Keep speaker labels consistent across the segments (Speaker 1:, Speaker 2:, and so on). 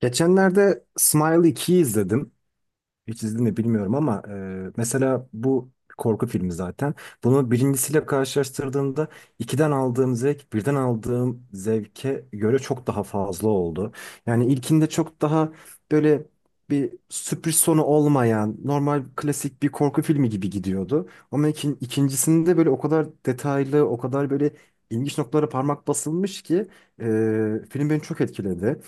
Speaker 1: Geçenlerde Smile 2'yi izledim. Hiç izledim mi bilmiyorum ama mesela bu korku filmi zaten. Bunu birincisiyle karşılaştırdığımda ikiden aldığım zevk birden aldığım zevke göre çok daha fazla oldu. Yani ilkinde çok daha böyle bir sürpriz sonu olmayan normal klasik bir korku filmi gibi gidiyordu. Ama ikincisinde böyle o kadar detaylı o kadar böyle ilginç noktalara parmak basılmış ki e, film beni çok etkiledi.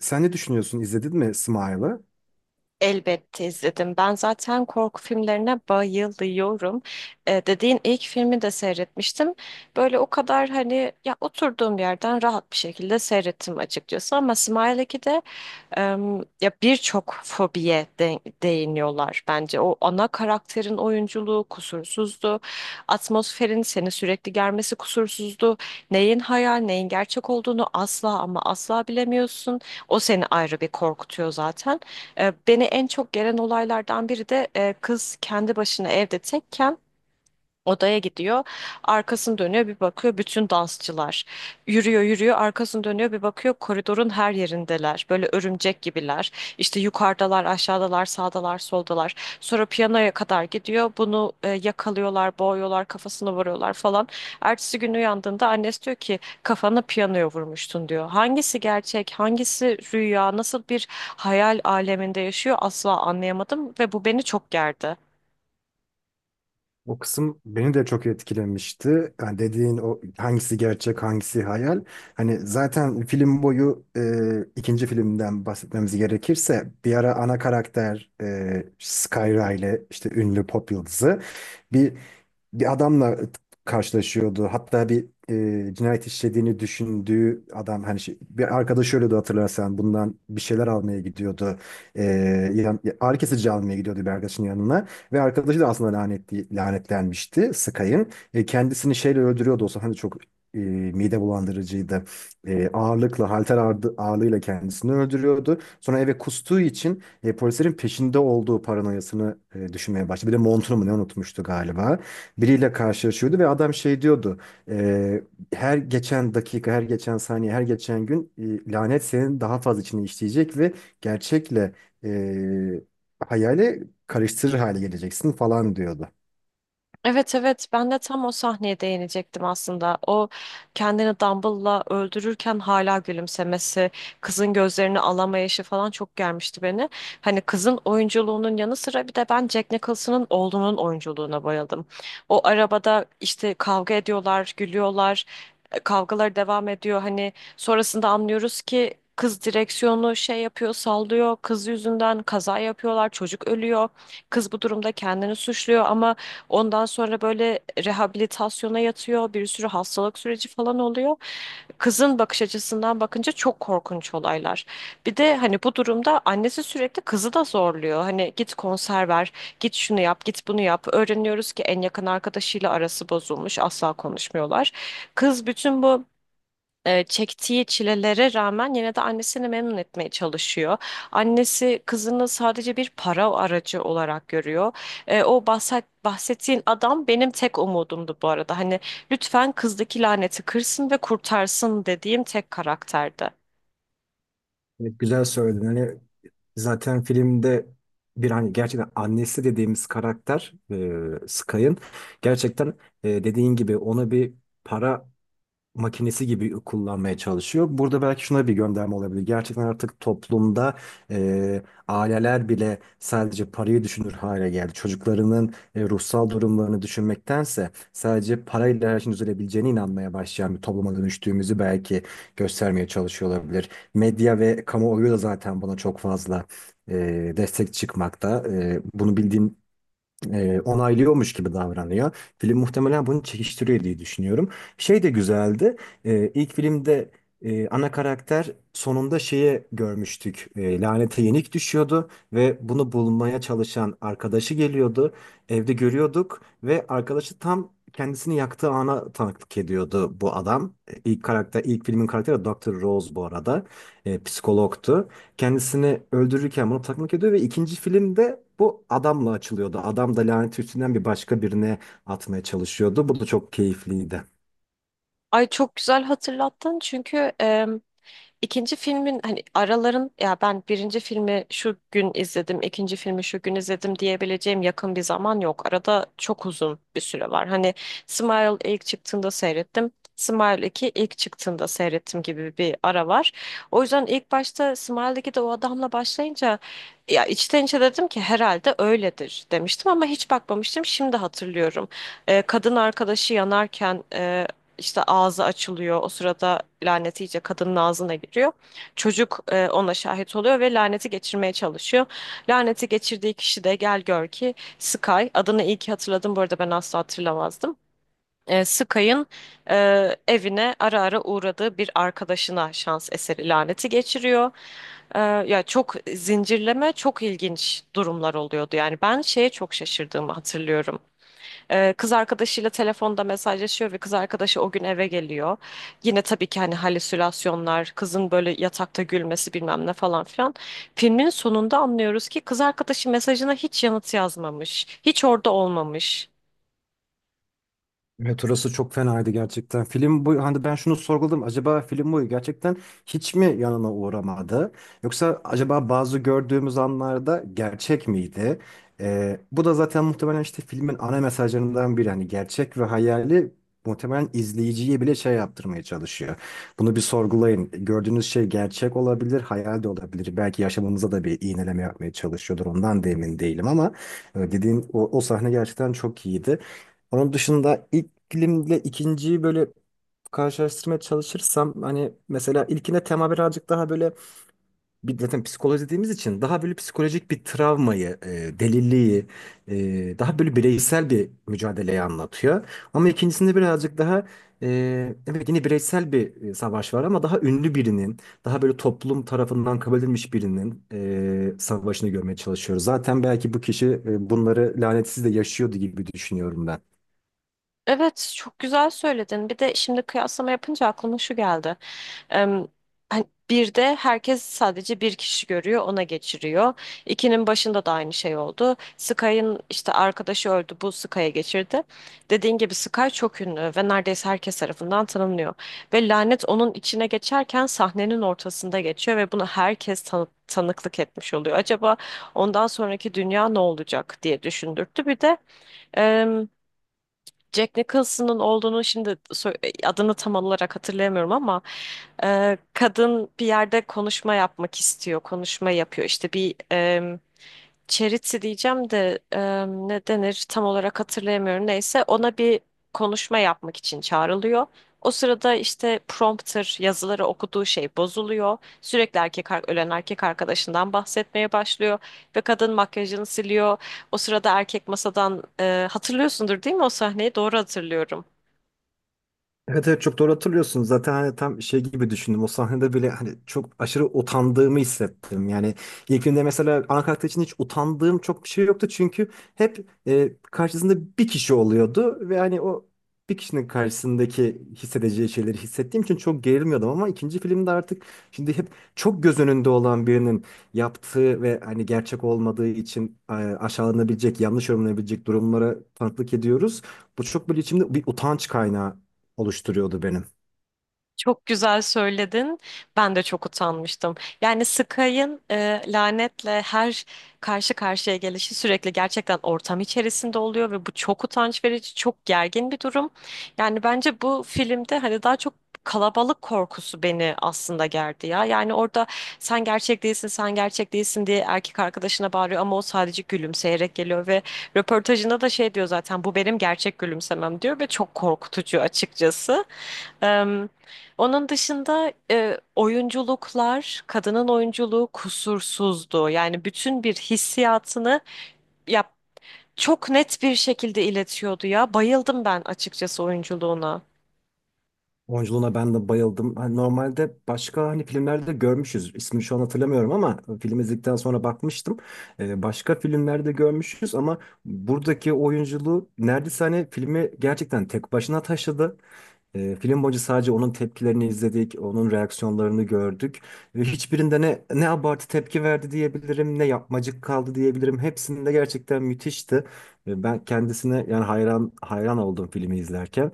Speaker 1: Sen ne düşünüyorsun? İzledin mi Smile'ı?
Speaker 2: Elbette izledim. Ben zaten korku filmlerine bayılıyorum. Dediğin ilk filmi de seyretmiştim. Böyle o kadar hani ya oturduğum yerden rahat bir şekilde seyrettim açıkçası. Ama Smile 2'de ya birçok değiniyorlar bence. O ana karakterin oyunculuğu kusursuzdu. Atmosferin seni sürekli germesi kusursuzdu. Neyin hayal, neyin gerçek olduğunu asla ama asla bilemiyorsun. O seni ayrı bir korkutuyor zaten. Beni en çok gelen olaylardan biri de kız kendi başına evde tekken odaya gidiyor. Arkasını dönüyor, bir bakıyor, bütün dansçılar. Yürüyor yürüyor, arkasını dönüyor, bir bakıyor, koridorun her yerindeler. Böyle örümcek gibiler. İşte yukarıdalar, aşağıdalar, sağdalar, soldalar. Sonra piyanoya kadar gidiyor. Bunu yakalıyorlar, boğuyorlar, kafasına vuruyorlar falan. Ertesi gün uyandığında annesi diyor ki kafana piyanoya vurmuştun diyor. Hangisi gerçek, hangisi rüya, nasıl bir hayal aleminde yaşıyor asla anlayamadım ve bu beni çok gerdi.
Speaker 1: O kısım beni de çok etkilemişti. Yani dediğin o hangisi gerçek, hangisi hayal. Hani zaten film boyu ikinci filmden bahsetmemiz gerekirse bir ara ana karakter Skyra ile işte ünlü pop yıldızı bir bir adamla karşılaşıyordu. Hatta bir cinayet işlediğini düşündüğü adam hani bir arkadaşı ölüyordu hatırlarsan bundan bir şeyler almaya gidiyordu. E, ağrı kesici almaya gidiyordu bir arkadaşının yanına. Ve arkadaşı da aslında lanetli, lanetlenmişti Sky'ın. Kendisini şeyle öldürüyordu olsa hani çok mide bulandırıcıydı. Ağırlıkla, halter ağırlığıyla kendisini öldürüyordu. Sonra eve kustuğu için polislerin peşinde olduğu paranoyasını düşünmeye başladı. Bir de montunu mu ne unutmuştu galiba. Biriyle karşılaşıyordu ve adam şey diyordu. E, her geçen dakika, her geçen saniye, her geçen gün lanet senin daha fazla içine işleyecek ve gerçekle e, hayale karıştırır hale geleceksin falan diyordu.
Speaker 2: Evet evet, ben de tam o sahneye değinecektim aslında. O kendini Dumble'la öldürürken hala gülümsemesi, kızın gözlerini alamayışı falan çok gelmişti beni. Hani kızın oyunculuğunun yanı sıra bir de ben Jack Nicholson'ın oğlunun oyunculuğuna bayıldım. O arabada işte kavga ediyorlar, gülüyorlar, kavgalar devam ediyor. Hani sonrasında anlıyoruz ki kız direksiyonu şey yapıyor, sallıyor. Kız yüzünden kaza yapıyorlar, çocuk ölüyor. Kız bu durumda kendini suçluyor ama ondan sonra böyle rehabilitasyona yatıyor, bir sürü hastalık süreci falan oluyor. Kızın bakış açısından bakınca çok korkunç olaylar. Bir de hani bu durumda annesi sürekli kızı da zorluyor. Hani git konser ver, git şunu yap, git bunu yap. Öğreniyoruz ki en yakın arkadaşıyla arası bozulmuş, asla konuşmuyorlar. Kız bütün bu çektiği çilelere rağmen yine de annesini memnun etmeye çalışıyor. Annesi kızını sadece bir para aracı olarak görüyor. Bahsettiğin adam benim tek umudumdu bu arada. Hani lütfen kızdaki laneti kırsın ve kurtarsın dediğim tek karakterdi.
Speaker 1: Evet, güzel söyledin. Hani zaten filmde bir hani gerçekten annesi dediğimiz karakter Sky'ın gerçekten dediğin gibi ona bir para makinesi gibi kullanmaya çalışıyor. Burada belki şuna bir gönderme olabilir. Gerçekten artık toplumda e, aileler bile sadece parayı düşünür hale geldi. Çocuklarının ruhsal durumlarını düşünmektense sadece parayla her şeyin düzelebileceğine inanmaya başlayan bir topluma dönüştüğümüzü belki göstermeye çalışıyor olabilir. Medya ve kamuoyu da zaten buna çok fazla destek çıkmakta. Bunu bildiğim onaylıyormuş gibi davranıyor. Film muhtemelen bunu çekiştiriyor diye düşünüyorum. Şey de güzeldi. E, ilk filmde ana karakter sonunda şeye görmüştük. Lanete yenik düşüyordu ve bunu bulmaya çalışan arkadaşı geliyordu. Evde görüyorduk ve arkadaşı tam kendisini yaktığı ana tanıklık ediyordu bu adam. İlk karakter, ilk filmin karakteri Dr. Rose bu arada. Psikologtu kendisini öldürürken bunu takmak ediyor ve ikinci filmde bu adamla açılıyordu. Adam da lanet üstünden bir başka birine atmaya çalışıyordu. Bu da çok keyifliydi.
Speaker 2: Ay, çok güzel hatırlattın çünkü İkinci filmin hani araların ya ben birinci filmi şu gün izledim, ikinci filmi şu gün izledim diyebileceğim yakın bir zaman yok. Arada çok uzun bir süre var. Hani Smile ilk çıktığında seyrettim. Smile 2 ilk çıktığında seyrettim gibi bir ara var. O yüzden ilk başta Smile'deki de o adamla başlayınca ya içten içe dedim ki herhalde öyledir demiştim ama hiç bakmamıştım. Şimdi hatırlıyorum. Kadın arkadaşı yanarken işte ağzı açılıyor. O sırada lanet iyice kadının ağzına giriyor. Çocuk ona şahit oluyor ve laneti geçirmeye çalışıyor. Laneti geçirdiği kişi de gel gör ki Sky. Adını iyi ki hatırladım bu arada, ben asla hatırlamazdım. Sky'ın e, evine ara ara uğradığı bir arkadaşına şans eseri laneti geçiriyor. Ya çok zincirleme, çok ilginç durumlar oluyordu. Yani ben şeye çok şaşırdığımı hatırlıyorum. Kız arkadaşıyla telefonda mesajlaşıyor ve kız arkadaşı o gün eve geliyor. Yine tabii ki hani halüsinasyonlar, kızın böyle yatakta gülmesi bilmem ne falan filan. Filmin sonunda anlıyoruz ki kız arkadaşı mesajına hiç yanıt yazmamış. Hiç orada olmamış.
Speaker 1: Evet orası çok fenaydı gerçekten. Film bu hani ben şunu sorguladım. Acaba film boyu gerçekten hiç mi yanına uğramadı? Yoksa acaba bazı gördüğümüz anlarda gerçek miydi? Bu da zaten muhtemelen işte filmin ana mesajlarından biri. Hani gerçek ve hayali muhtemelen izleyiciye bile şey yaptırmaya çalışıyor. Bunu bir sorgulayın. Gördüğünüz şey gerçek olabilir, hayal de olabilir. Belki yaşamımıza da bir iğneleme yapmaya çalışıyordur. Ondan da emin değilim ama dediğin o sahne gerçekten çok iyiydi. Onun dışında ilk filmle ikinciyi böyle karşılaştırmaya çalışırsam hani mesela ilkine tema birazcık daha böyle bir zaten psikoloji dediğimiz için daha böyle psikolojik bir travmayı, deliliği, daha böyle bireysel bir mücadeleyi anlatıyor. Ama ikincisinde birazcık daha evet yine bireysel bir savaş var ama daha ünlü birinin, daha böyle toplum tarafından kabul edilmiş birinin savaşını görmeye çalışıyoruz. Zaten belki bu kişi bunları lanetsiz de yaşıyordu gibi düşünüyorum ben.
Speaker 2: Evet, çok güzel söyledin. Bir de şimdi kıyaslama yapınca aklıma şu geldi. Em, hani bir de herkes sadece bir kişi görüyor, ona geçiriyor. İkinin başında da aynı şey oldu. Sky'ın işte arkadaşı öldü, bu Sky'a geçirdi. Dediğin gibi Sky çok ünlü ve neredeyse herkes tarafından tanınıyor. Ve lanet onun içine geçerken sahnenin ortasında geçiyor ve bunu herkes tanıklık etmiş oluyor. Acaba ondan sonraki dünya ne olacak diye düşündürttü. Bir de Jack Nicholson'ın olduğunu şimdi adını tam olarak hatırlayamıyorum ama kadın bir yerde konuşma yapmak istiyor, konuşma yapıyor. İşte bir charity diyeceğim de ne denir tam olarak hatırlayamıyorum. Neyse ona bir konuşma yapmak için çağrılıyor. O sırada işte prompter yazıları okuduğu şey bozuluyor. Sürekli ölen erkek arkadaşından bahsetmeye başlıyor ve kadın makyajını siliyor. O sırada erkek masadan hatırlıyorsundur değil mi o sahneyi? Doğru hatırlıyorum.
Speaker 1: Evet evet çok doğru hatırlıyorsun. Zaten hani tam şey gibi düşündüm. O sahnede bile hani çok aşırı utandığımı hissettim. Yani ilk filmde mesela ana karakter için hiç utandığım çok bir şey yoktu. Çünkü hep karşısında bir kişi oluyordu. Ve hani o bir kişinin karşısındaki hissedeceği şeyleri hissettiğim için çok gerilmiyordum. Ama ikinci filmde artık şimdi hep çok göz önünde olan birinin yaptığı ve hani gerçek olmadığı için aşağılanabilecek, yanlış yorumlanabilecek durumlara tanıklık ediyoruz. Bu çok böyle içimde bir utanç kaynağı oluşturuyordu benim.
Speaker 2: Çok güzel söyledin. Ben de çok utanmıştım. Yani Sky'ın lanetle her karşı karşıya gelişi sürekli gerçekten ortam içerisinde oluyor ve bu çok utanç verici, çok gergin bir durum. Yani bence bu filmde hani daha çok kalabalık korkusu beni aslında gerdi ya. Yani orada sen gerçek değilsin, sen gerçek değilsin diye erkek arkadaşına bağırıyor ama o sadece gülümseyerek geliyor ve röportajında da şey diyor zaten, bu benim gerçek gülümsemem diyor ve çok korkutucu açıkçası. Em, onun dışında oyunculuklar, kadının oyunculuğu kusursuzdu. Yani bütün bir hissiyatını ya çok net bir şekilde iletiyordu ya. Bayıldım ben açıkçası oyunculuğuna.
Speaker 1: Oyunculuğuna ben de bayıldım. Hani normalde başka hani filmlerde görmüşüz. İsmini şu an hatırlamıyorum ama film izledikten sonra bakmıştım. Başka filmlerde görmüşüz ama buradaki oyunculuğu neredeyse hani filmi gerçekten tek başına taşıdı. Film boyunca sadece onun tepkilerini izledik, onun reaksiyonlarını gördük ve hiçbirinde ne abartı tepki verdi diyebilirim, ne yapmacık kaldı diyebilirim. Hepsinde gerçekten müthişti. Ben kendisine yani hayran hayran oldum filmi izlerken.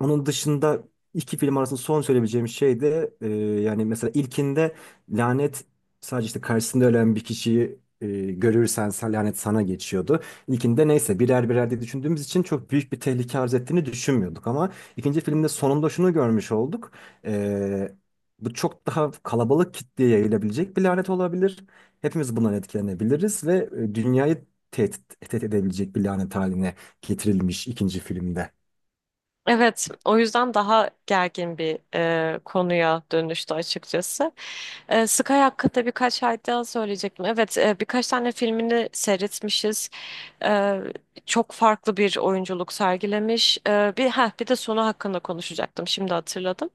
Speaker 1: Onun dışında iki film arasında son söyleyebileceğim şey de yani mesela ilkinde lanet sadece işte karşısında ölen bir kişiyi görürsen lanet sana geçiyordu. İlkinde neyse birer birer diye düşündüğümüz için çok büyük bir tehlike arz ettiğini düşünmüyorduk ama ikinci filmde sonunda şunu görmüş olduk. E, bu çok daha kalabalık kitleye yayılabilecek bir lanet olabilir. Hepimiz bundan etkilenebiliriz ve dünyayı tehdit edebilecek bir lanet haline getirilmiş ikinci filmde.
Speaker 2: Evet, o yüzden daha gergin bir konuya dönüştü açıkçası. Sky hakkında birkaç ay daha söyleyecektim. Evet, birkaç tane filmini seyretmişiz. E, Çok farklı bir oyunculuk sergilemiş. Bir de sonu hakkında konuşacaktım. Şimdi hatırladım.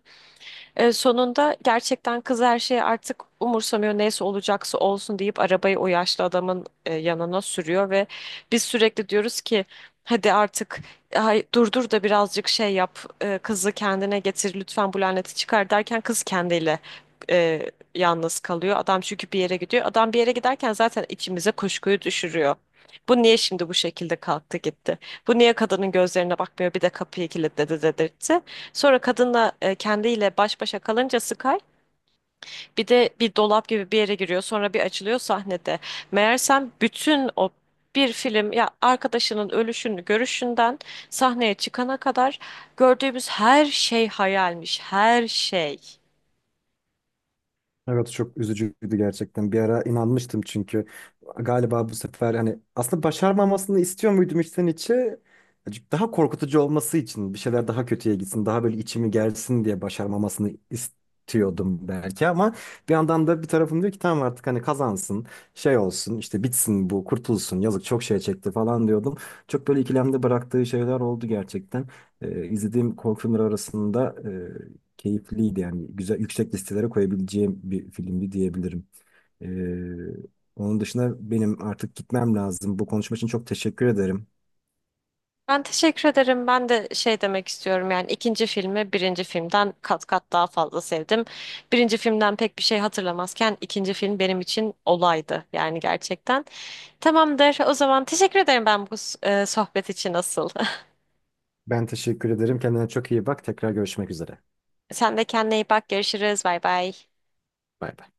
Speaker 2: Sonunda gerçekten kız her şeyi artık umursamıyor, neyse olacaksa olsun deyip arabayı o yaşlı adamın yanına sürüyor ve biz sürekli diyoruz ki hadi artık ay, durdur da birazcık şey yap, kızı kendine getir lütfen bu laneti çıkar derken kız kendiyle e, yalnız kalıyor. Adam çünkü bir yere gidiyor. Adam bir yere giderken zaten içimize kuşkuyu düşürüyor. Bu niye şimdi bu şekilde kalktı gitti? Bu niye kadının gözlerine bakmıyor, bir de kapıyı kilitledi dedirtti. Sonra kadınla kendiyle baş başa kalınca Sky bir de bir dolap gibi bir yere giriyor. Sonra bir açılıyor sahnede. Meğersem bütün o bir film ya arkadaşının ölüşünü görüşünden sahneye çıkana kadar gördüğümüz her şey hayalmiş. Her şey.
Speaker 1: Evet çok üzücüydü gerçekten. Bir ara inanmıştım çünkü galiba bu sefer hani aslında başarmamasını istiyor muydum içten içe? Daha korkutucu olması için bir şeyler daha kötüye gitsin, daha böyle içimi gelsin diye başarmamasını istiyordum belki ama bir yandan da bir tarafım diyor ki tamam artık hani kazansın, şey olsun, işte bitsin bu, kurtulsun. Yazık çok şey çekti falan diyordum. Çok böyle ikilemde bıraktığı şeyler oldu gerçekten. İzlediğim korku filmleri arasında keyifliydi yani güzel yüksek listelere koyabileceğim bir filmdi diyebilirim. Ee, onun dışında benim artık gitmem lazım. Bu konuşma için çok teşekkür ederim.
Speaker 2: Ben teşekkür ederim. Ben de şey demek istiyorum, yani ikinci filmi birinci filmden kat kat daha fazla sevdim. Birinci filmden pek bir şey hatırlamazken ikinci film benim için olaydı yani gerçekten. Tamamdır. O zaman teşekkür ederim ben bu sohbet için asıl.
Speaker 1: Ben teşekkür ederim. Kendine çok iyi bak. Tekrar görüşmek üzere.
Speaker 2: Sen de kendine iyi bak. Görüşürüz. Bay bay.
Speaker 1: Bay bay.